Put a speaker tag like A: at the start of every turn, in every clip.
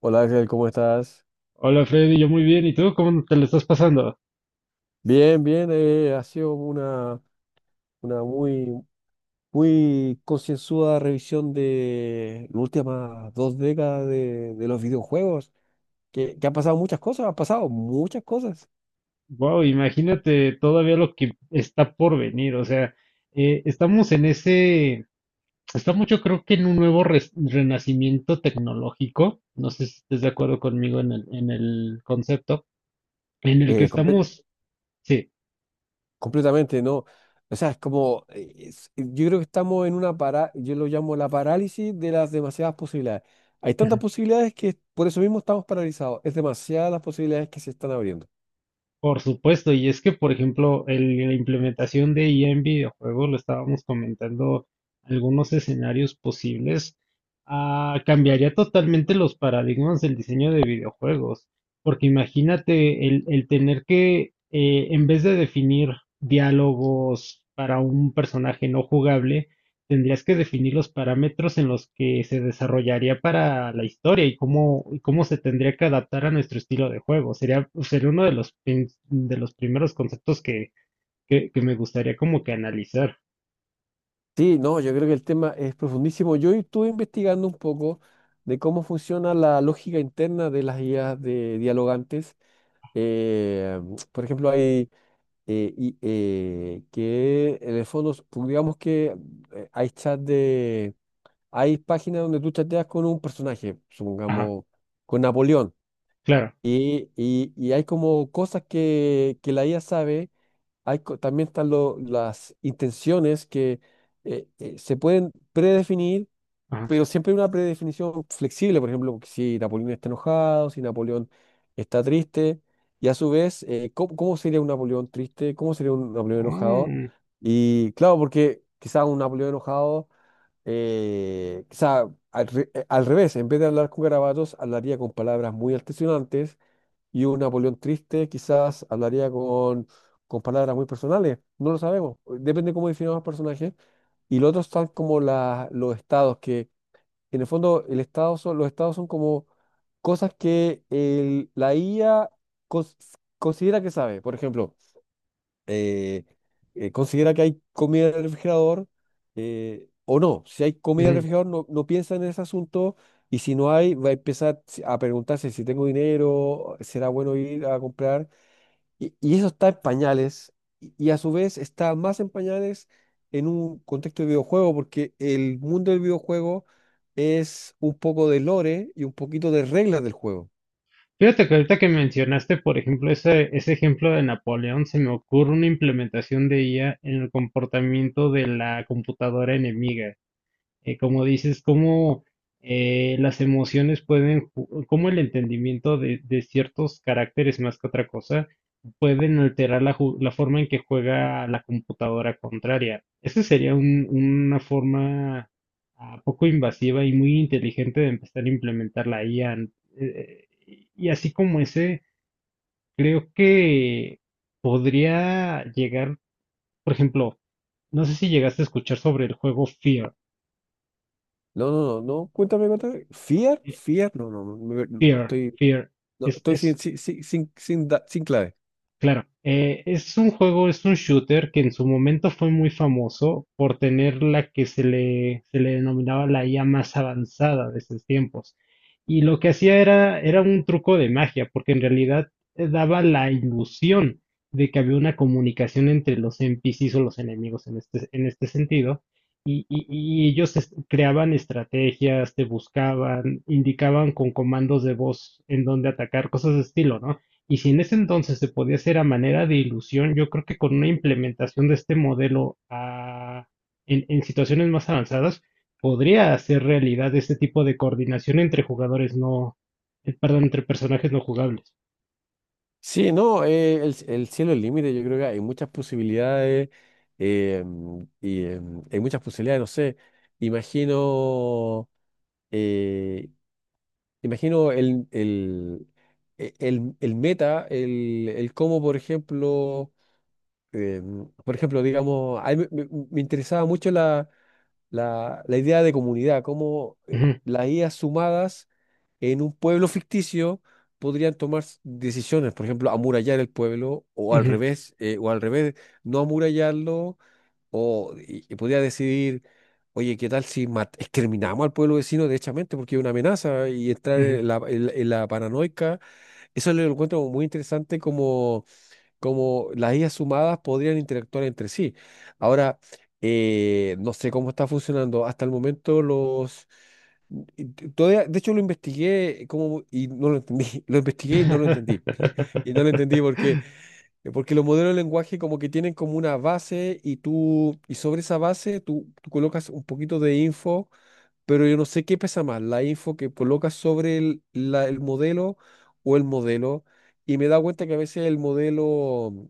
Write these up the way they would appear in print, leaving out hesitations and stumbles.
A: Hola Axel, ¿cómo estás?
B: Hola Freddy, yo muy bien. ¿Y tú cómo te lo estás pasando?
A: Bien, bien, ha sido una muy, muy concienzuda revisión de las últimas dos décadas de los videojuegos, que han pasado muchas cosas, han pasado muchas cosas,
B: Wow, imagínate todavía lo que está por venir. O sea, estamos en estamos yo creo que en un nuevo renacimiento tecnológico. No sé si estés de acuerdo conmigo en en el concepto, en el que
A: eh, comple-
B: estamos, sí.
A: completamente, ¿no? O sea, es como, yo creo que estamos en una yo lo llamo la parálisis de las demasiadas posibilidades. Hay tantas posibilidades que por eso mismo estamos paralizados, es demasiadas las posibilidades que se están abriendo.
B: Por supuesto, y es que, por ejemplo, la implementación de IA en videojuegos, lo estábamos comentando, algunos escenarios posibles, cambiaría totalmente los paradigmas del diseño de videojuegos. Porque imagínate el tener que, en vez de definir diálogos para un personaje no jugable, tendrías que definir los parámetros en los que se desarrollaría para la historia y y cómo se tendría que adaptar a nuestro estilo de juego. Sería uno de de los primeros conceptos que me gustaría como que analizar.
A: Sí, no, yo creo que el tema es profundísimo. Yo estuve investigando un poco de cómo funciona la lógica interna de las guías de dialogantes. Eh, por ejemplo, que en el fondo, pues, digamos que eh, hay chat de, hay páginas donde tú chateas con un personaje,
B: Ajá,
A: supongamos con Napoleón,
B: claro.
A: y hay como cosas que la IA sabe. También están las intenciones que se pueden predefinir,
B: Ajá.
A: pero siempre hay una predefinición flexible. Por ejemplo, si Napoleón está enojado, si Napoleón está triste, y a su vez, ¿cómo, cómo sería un Napoleón triste? ¿Cómo sería un Napoleón enojado?
B: Mm,
A: Y claro, porque quizás un Napoleón enojado, al revés, en vez de hablar con garabatos, hablaría con palabras muy altisonantes y un Napoleón triste quizás hablaría con palabras muy personales, no lo sabemos, depende cómo definamos el personaje. Y los otros están como los estados, que en el fondo el estado son, los estados son como cosas que la IA cons- considera que sabe. Por ejemplo, eh, considera que hay comida en el refrigerador o no. Si hay comida en el
B: mm.
A: refrigerador, no, no piensa en ese asunto y si no hay, va a empezar a preguntarse si tengo dinero, será bueno ir a comprar. Y eso está en pañales y a su vez está más en pañales en un contexto de videojuego porque el mundo del videojuego es un poco de lore y un poquito de reglas del juego.
B: Fíjate que ahorita que mencionaste, por ejemplo, ese ejemplo de Napoleón, se me ocurre una implementación de IA en el comportamiento de la computadora enemiga. Eh, como dices, cómo las emociones pueden, cómo el entendimiento de ciertos caracteres más que otra cosa pueden alterar la forma en que juega la computadora contraria. Esa sería una forma poco invasiva y muy inteligente de empezar a implementar la IA. Y así como ese, creo que podría llegar, por ejemplo, no sé si llegaste a escuchar sobre el juego Fear.
A: No, no, no, no, cuéntame, cuéntame. ¿Fear?
B: eh,
A: ¿Fear?
B: Fear,
A: Estoy
B: fear.
A: No,
B: Es,
A: estoy sin,
B: es,
A: sin, sin, sin, sin clave.
B: Claro, es un juego, es un shooter que en su momento fue muy famoso por tener la que se se le denominaba la IA más avanzada de esos tiempos. Y lo que hacía era un truco de magia, porque en realidad daba la ilusión de que había una comunicación entre los NPCs o los enemigos en en este sentido, y ellos creaban estrategias, te buscaban, indicaban con comandos de voz en dónde atacar, cosas de estilo, ¿no? Y si en ese entonces se podía hacer a manera de ilusión, yo creo que con una implementación de este modelo en situaciones más avanzadas, podría hacer realidad este tipo de coordinación entre jugadores no, perdón, entre personajes no jugables.
A: Sí, no, el cielo es el límite, yo creo que hay muchas posibilidades hay muchas posibilidades, no sé, imagino, eh, imagino el meta, el cómo, eh, por ejemplo, digamos, a mí me interesaba mucho la idea de comunidad, cómo
B: Ujú,
A: las ideas sumadas en un pueblo ficticio podrían tomar decisiones, por ejemplo, amurallar el pueblo o al
B: ujú,
A: revés, no amurallarlo, o y podría decidir, oye, ¿qué tal si exterminamos al pueblo vecino derechamente porque es una amenaza y entrar
B: ujú.
A: en en la paranoica? Eso lo encuentro muy interesante como como las IAs sumadas podrían interactuar entre sí. Ahora, no sé cómo está funcionando. Hasta el momento los... Todavía, de hecho, lo investigué y no lo entendí. Lo investigué y no lo entendí. Y no lo entendí porque los modelos de lenguaje como que tienen como una base y tú, y sobre esa base tú colocas un poquito de info pero yo no sé qué pesa más, la info que colocas sobre el modelo o el modelo, y me he dado cuenta que a veces el modelo,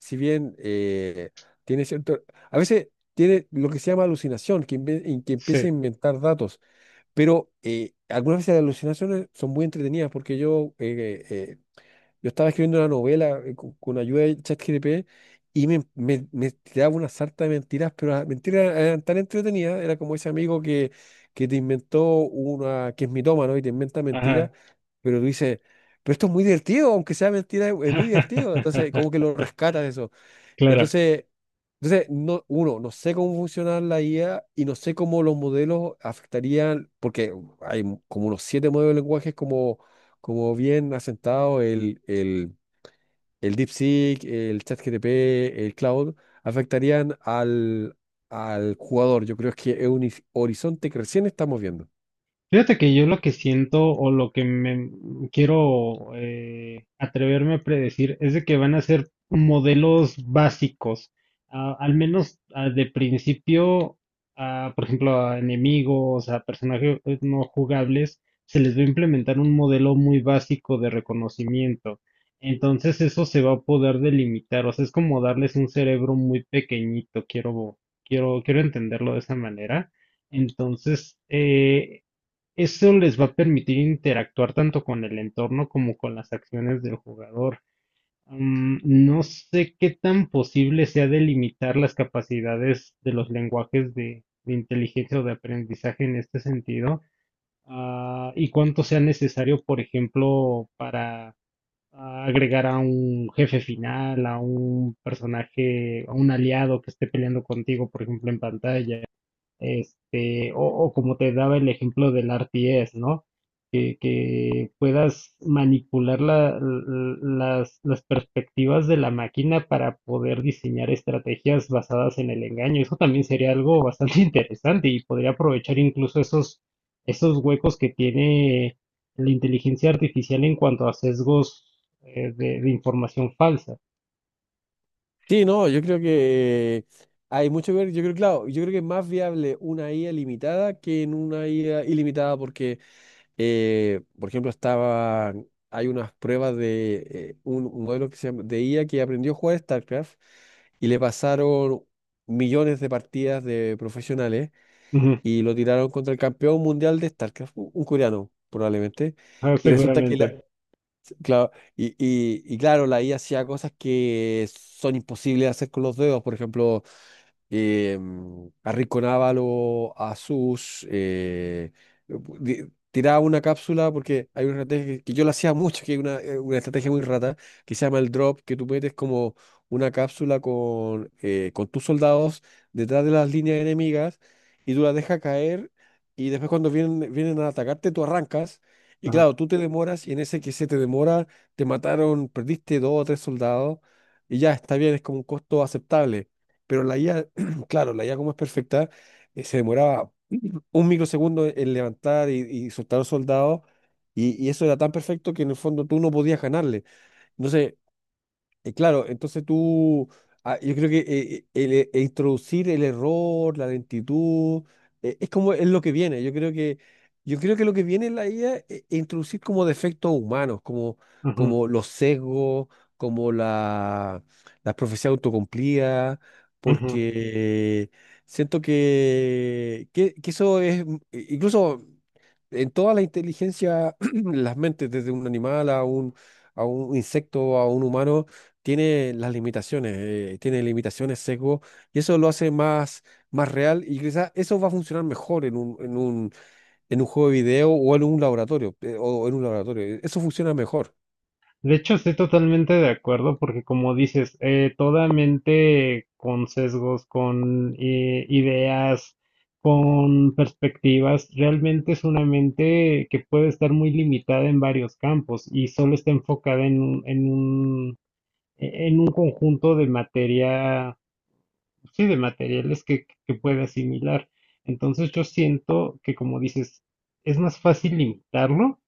A: si bien tiene cierto, a veces tiene lo que se llama alucinación, en que empieza
B: Sí,
A: a inventar datos, pero algunas veces las alucinaciones son muy entretenidas porque yo estaba escribiendo una novela con ayuda de ChatGPT y me tiraba una sarta de mentiras, pero las mentiras eran tan entretenidas, era como ese amigo que te inventó una, que es mitómano y te inventa mentiras,
B: ajá.
A: pero tú dices, pero esto es muy divertido, aunque sea mentira, es muy divertido. Entonces, como que lo rescatas eso.
B: Claro.
A: Entonces, entonces no, uno, no sé cómo funciona la IA y no sé cómo los modelos afectarían, porque como unos siete modelos de lenguajes como, como bien asentados, el DeepSeek, el ChatGPT, el Cloud, afectarían al jugador. Yo creo que es un horizonte que recién estamos viendo.
B: Fíjate que yo lo que siento o lo que me quiero atreverme a predecir es de que van a ser modelos básicos, ah, al menos ah, de principio, ah, por ejemplo, a enemigos, a personajes no jugables, se les va a implementar un modelo muy básico de reconocimiento. Entonces eso se va a poder delimitar, o sea, es como darles un cerebro muy pequeñito, quiero entenderlo de esa manera. Entonces, eso les va a permitir interactuar tanto con el entorno como con las acciones del jugador. Mm, no sé qué tan posible sea delimitar las capacidades de los lenguajes de inteligencia o de aprendizaje en este sentido, ah, y cuánto sea necesario, por ejemplo, para ah, agregar a un jefe final, a un personaje, a un aliado que esté peleando contigo, por ejemplo, en pantalla este, o como te daba el ejemplo del RTS, ¿no? Que puedas manipular las perspectivas de la máquina para poder diseñar estrategias basadas en el engaño. Eso también sería algo bastante interesante y podría aprovechar incluso esos huecos que tiene la inteligencia artificial en cuanto a sesgos de información falsa.
A: Sí, no, yo creo que hay mucho que ver. Yo creo, claro, yo creo que es más viable una IA limitada que en una IA ilimitada, porque por ejemplo, estaba, hay unas pruebas de un modelo que se llama, de IA que aprendió a jugar StarCraft y le pasaron millones de partidas de profesionales
B: Ujú.
A: y lo tiraron contra el campeón mundial de StarCraft, un coreano probablemente.
B: Ah,
A: Y resulta
B: seguramente.
A: claro, y claro, la IA hacía cosas que son imposibles de hacer con los dedos, por ejemplo, eh, a Rico Návalo a Sus, tiraba una cápsula porque hay una estrategia que yo la hacía mucho, que es una estrategia muy rata, que se llama el drop, que tú metes como una cápsula con tus soldados detrás de las líneas enemigas y tú las dejas caer y después cuando vienen, vienen a atacarte tú arrancas. Y
B: Ajá.
A: claro, tú te demoras y en ese que se te demora, te mataron, perdiste dos o tres soldados y ya está bien, es como un costo aceptable pero la IA claro, la IA como es perfecta, se demoraba un microsegundo en levantar y soltar a los soldados, y eso era tan perfecto que en el fondo tú no podías ganarle. Entonces, claro, entonces tú, yo creo que el, e introducir el error, la lentitud, es como es lo que viene. Yo creo yo creo que lo que viene en la IA es introducir como defectos humanos, como,
B: Ujú.
A: como los sesgos, como la profecía autocumplida,
B: Ujú.
A: porque siento que eso es, incluso en toda la inteligencia, las mentes, desde un animal a un insecto, a un humano, tiene las limitaciones, tiene limitaciones, sesgo, y eso lo hace más, más real y quizás eso va a funcionar mejor en un, en un, en un juego de video o en un laboratorio, eso funciona mejor.
B: De hecho, estoy totalmente de acuerdo porque como dices, toda mente con sesgos, con ideas, con perspectivas, realmente es una mente que puede estar muy limitada en varios campos y solo está enfocada en en un conjunto de materia, sí, de materiales que puede asimilar. Entonces yo siento que como dices, es más fácil limitarlo,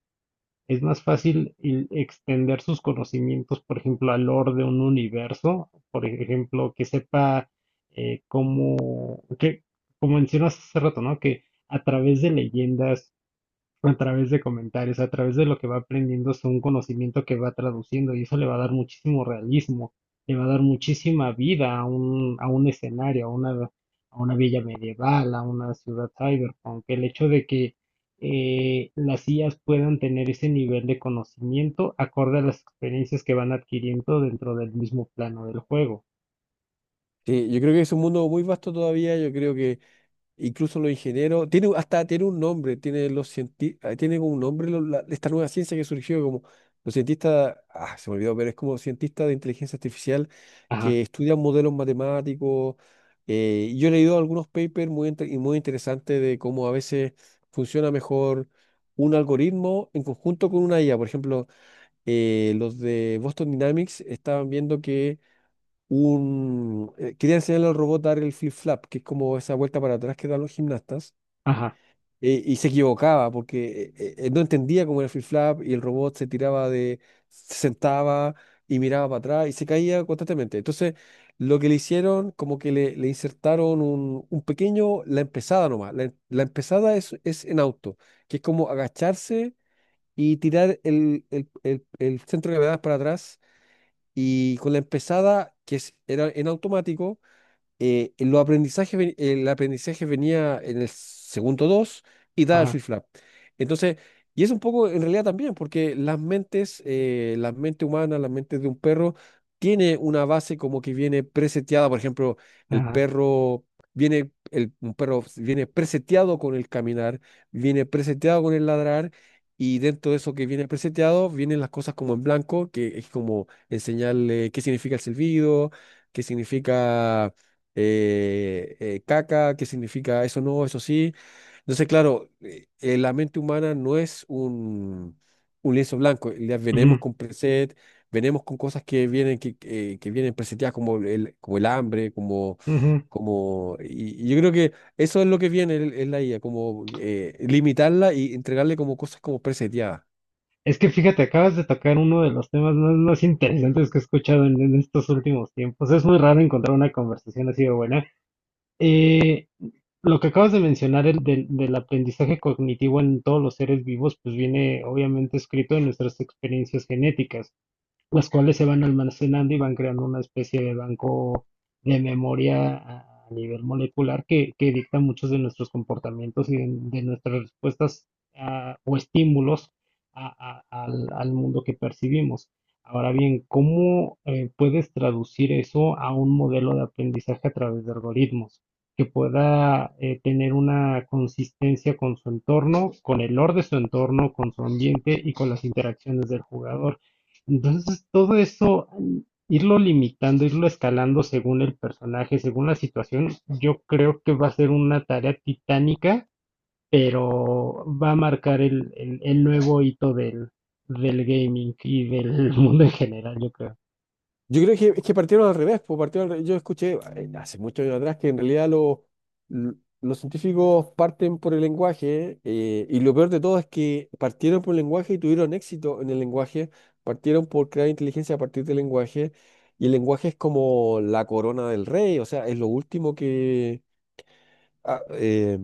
B: es más fácil el extender sus conocimientos, por ejemplo, al lore de un universo, por ejemplo, que sepa eh, cómo, que, como mencionas hace rato, ¿no? Que a través de leyendas, a través de comentarios, a través de lo que va aprendiendo, es un conocimiento que va traduciendo y eso le va a dar muchísimo realismo, le va a dar muchísima vida a a un escenario, a una villa medieval, a una ciudad cyberpunk. El hecho de que las IAs puedan tener ese nivel de conocimiento acorde a las experiencias que van adquiriendo dentro del mismo plano del juego.
A: Sí, yo creo que es un mundo muy vasto todavía. Yo creo que incluso los ingenieros, hasta tiene un nombre, tiene los tiene como un nombre esta nueva ciencia que surgió como los cientistas, ah, se me olvidó, pero es como cientistas de inteligencia artificial
B: Ajá,
A: que estudian modelos matemáticos. Y yo he leído algunos papers muy, y muy interesantes de cómo a veces funciona mejor un algoritmo en conjunto con una IA. Por ejemplo, los de Boston Dynamics estaban viendo que un... quería enseñarle al robot a dar el flip-flap, que es como esa vuelta para atrás que dan los gimnastas,
B: ajá,
A: y se equivocaba porque no entendía cómo era el flip-flap y el robot se tiraba de... se sentaba y miraba para atrás y se caía constantemente. Entonces, lo que le hicieron, como que le insertaron un pequeño... la empezada nomás. La empezada es en auto, que es como agacharse y tirar el centro de gravedad para atrás. Y con la empezada, era en automático, el aprendizaje venía en el segundo 2 y da el
B: ajá,
A: flip-flap. Entonces, y es un poco en realidad también, porque las mentes, la mente humana, la mente de un perro, tiene una base como que viene preseteada. Por ejemplo, el
B: ajá.
A: perro un perro viene preseteado con el caminar, viene preseteado con el ladrar. Y dentro de eso que viene preseteado, vienen las cosas como en blanco, que es como enseñarle qué significa el silbido, qué significa caca, qué significa eso no, eso sí. Entonces, claro, la mente humana no es un lienzo blanco. Ya
B: Ujú,
A: venimos con preset, venimos con cosas que vienen, que vienen preseteadas como el hambre, como,
B: ujú.
A: como... Y, y yo creo que eso es lo que viene en la IA, como limitarla y entregarle como cosas como preseteadas.
B: Es que fíjate, acabas de tocar uno de los temas más interesantes que he escuchado en estos últimos tiempos. Es muy raro encontrar una conversación así de buena. Eh, lo que acabas de mencionar el del aprendizaje cognitivo en todos los seres vivos, pues viene obviamente escrito en nuestras experiencias genéticas, las cuales se van almacenando y van creando una especie de banco de memoria a nivel molecular que dicta muchos de nuestros comportamientos y de nuestras respuestas ah, o estímulos al mundo que percibimos. Ahora bien, ¿cómo puedes traducir eso a un modelo de aprendizaje a través de algoritmos que pueda tener una consistencia con su entorno, con el orden de su entorno, con su ambiente y con las interacciones del jugador? Entonces, todo eso, irlo limitando, irlo escalando según el personaje, según la situación, yo creo que va a ser una tarea titánica, pero va a marcar el nuevo hito del gaming y del mundo en general, yo creo.
A: Yo creo que es que partieron al revés, pues yo escuché hace muchos años atrás que en realidad l- los científicos parten por el lenguaje y lo peor de todo es que partieron por el lenguaje y tuvieron éxito en el lenguaje, partieron por crear inteligencia a partir del lenguaje y el lenguaje es como la corona del rey, o sea, es lo último que... ah, eh,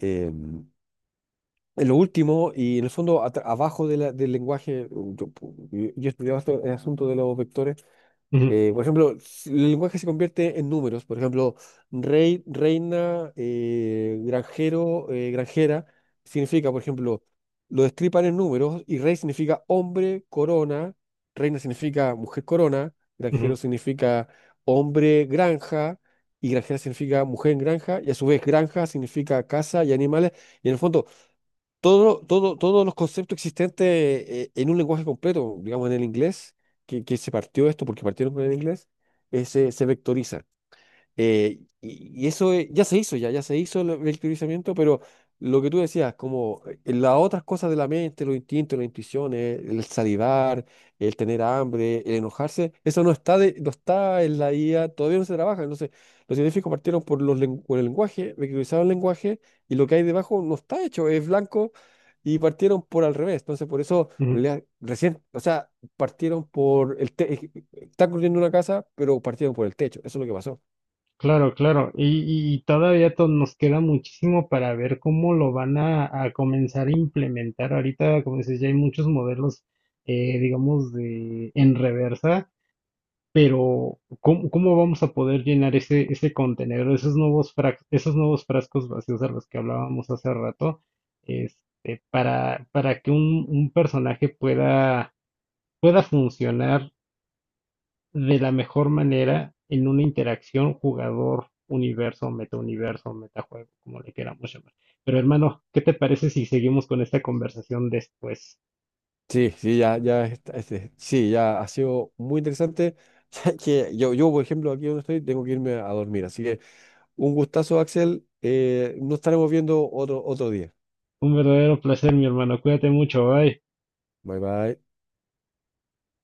A: eh, es lo último y en el fondo abajo de del lenguaje, yo estudiaba el asunto de los vectores.
B: Ujú,
A: Por ejemplo, si el lenguaje se convierte en números, por ejemplo, rey, reina, granjero, granjera, significa, por ejemplo, lo destripan en números y rey significa hombre, corona, reina significa mujer corona, granjero
B: ujú,
A: significa hombre, granja, y granjera significa mujer en granja, y a su vez granja significa casa y animales, y en el fondo todos los conceptos existentes en un lenguaje completo, digamos en el inglés, que se partió esto porque partieron con el inglés, se vectoriza. Y eso ya se hizo, ya se hizo el teorizamiento, pero lo que tú decías, como las otras cosas de la mente, los instintos, las intuiciones, el salivar, el tener hambre, el enojarse, eso no está, no está en la IA, todavía no se trabaja. Entonces, los científicos partieron por, por el lenguaje, reutilizaron el lenguaje y lo que hay debajo no está hecho, es blanco y partieron por al revés. Entonces, por eso,
B: ujú.
A: en realidad, recién, o sea, partieron por el techo, están construyendo una casa, pero partieron por el techo, eso es lo que pasó.
B: Claro, claro. Y todavía nos queda muchísimo para ver cómo lo van a comenzar a implementar. Ahorita, como dices, ya hay muchos modelos, digamos, de, en reversa. Pero, ¿cómo vamos a poder llenar ese contenedor, esos nuevos esos nuevos frascos vacíos a los que hablábamos hace rato, este, para que un personaje pueda funcionar de la mejor manera en una interacción jugador, universo, metauniverso, metajuego, como le queramos llamar? Pero hermano, ¿qué te parece si seguimos con esta conversación después?
A: Sí, sí, sí, ya ha sido muy interesante. Ya que yo, por ejemplo, aquí donde estoy, tengo que irme a dormir. Así que un gustazo, Axel. Nos estaremos viendo otro día.
B: Un verdadero placer, mi hermano. Cuídate mucho. Bye.
A: Bye, bye.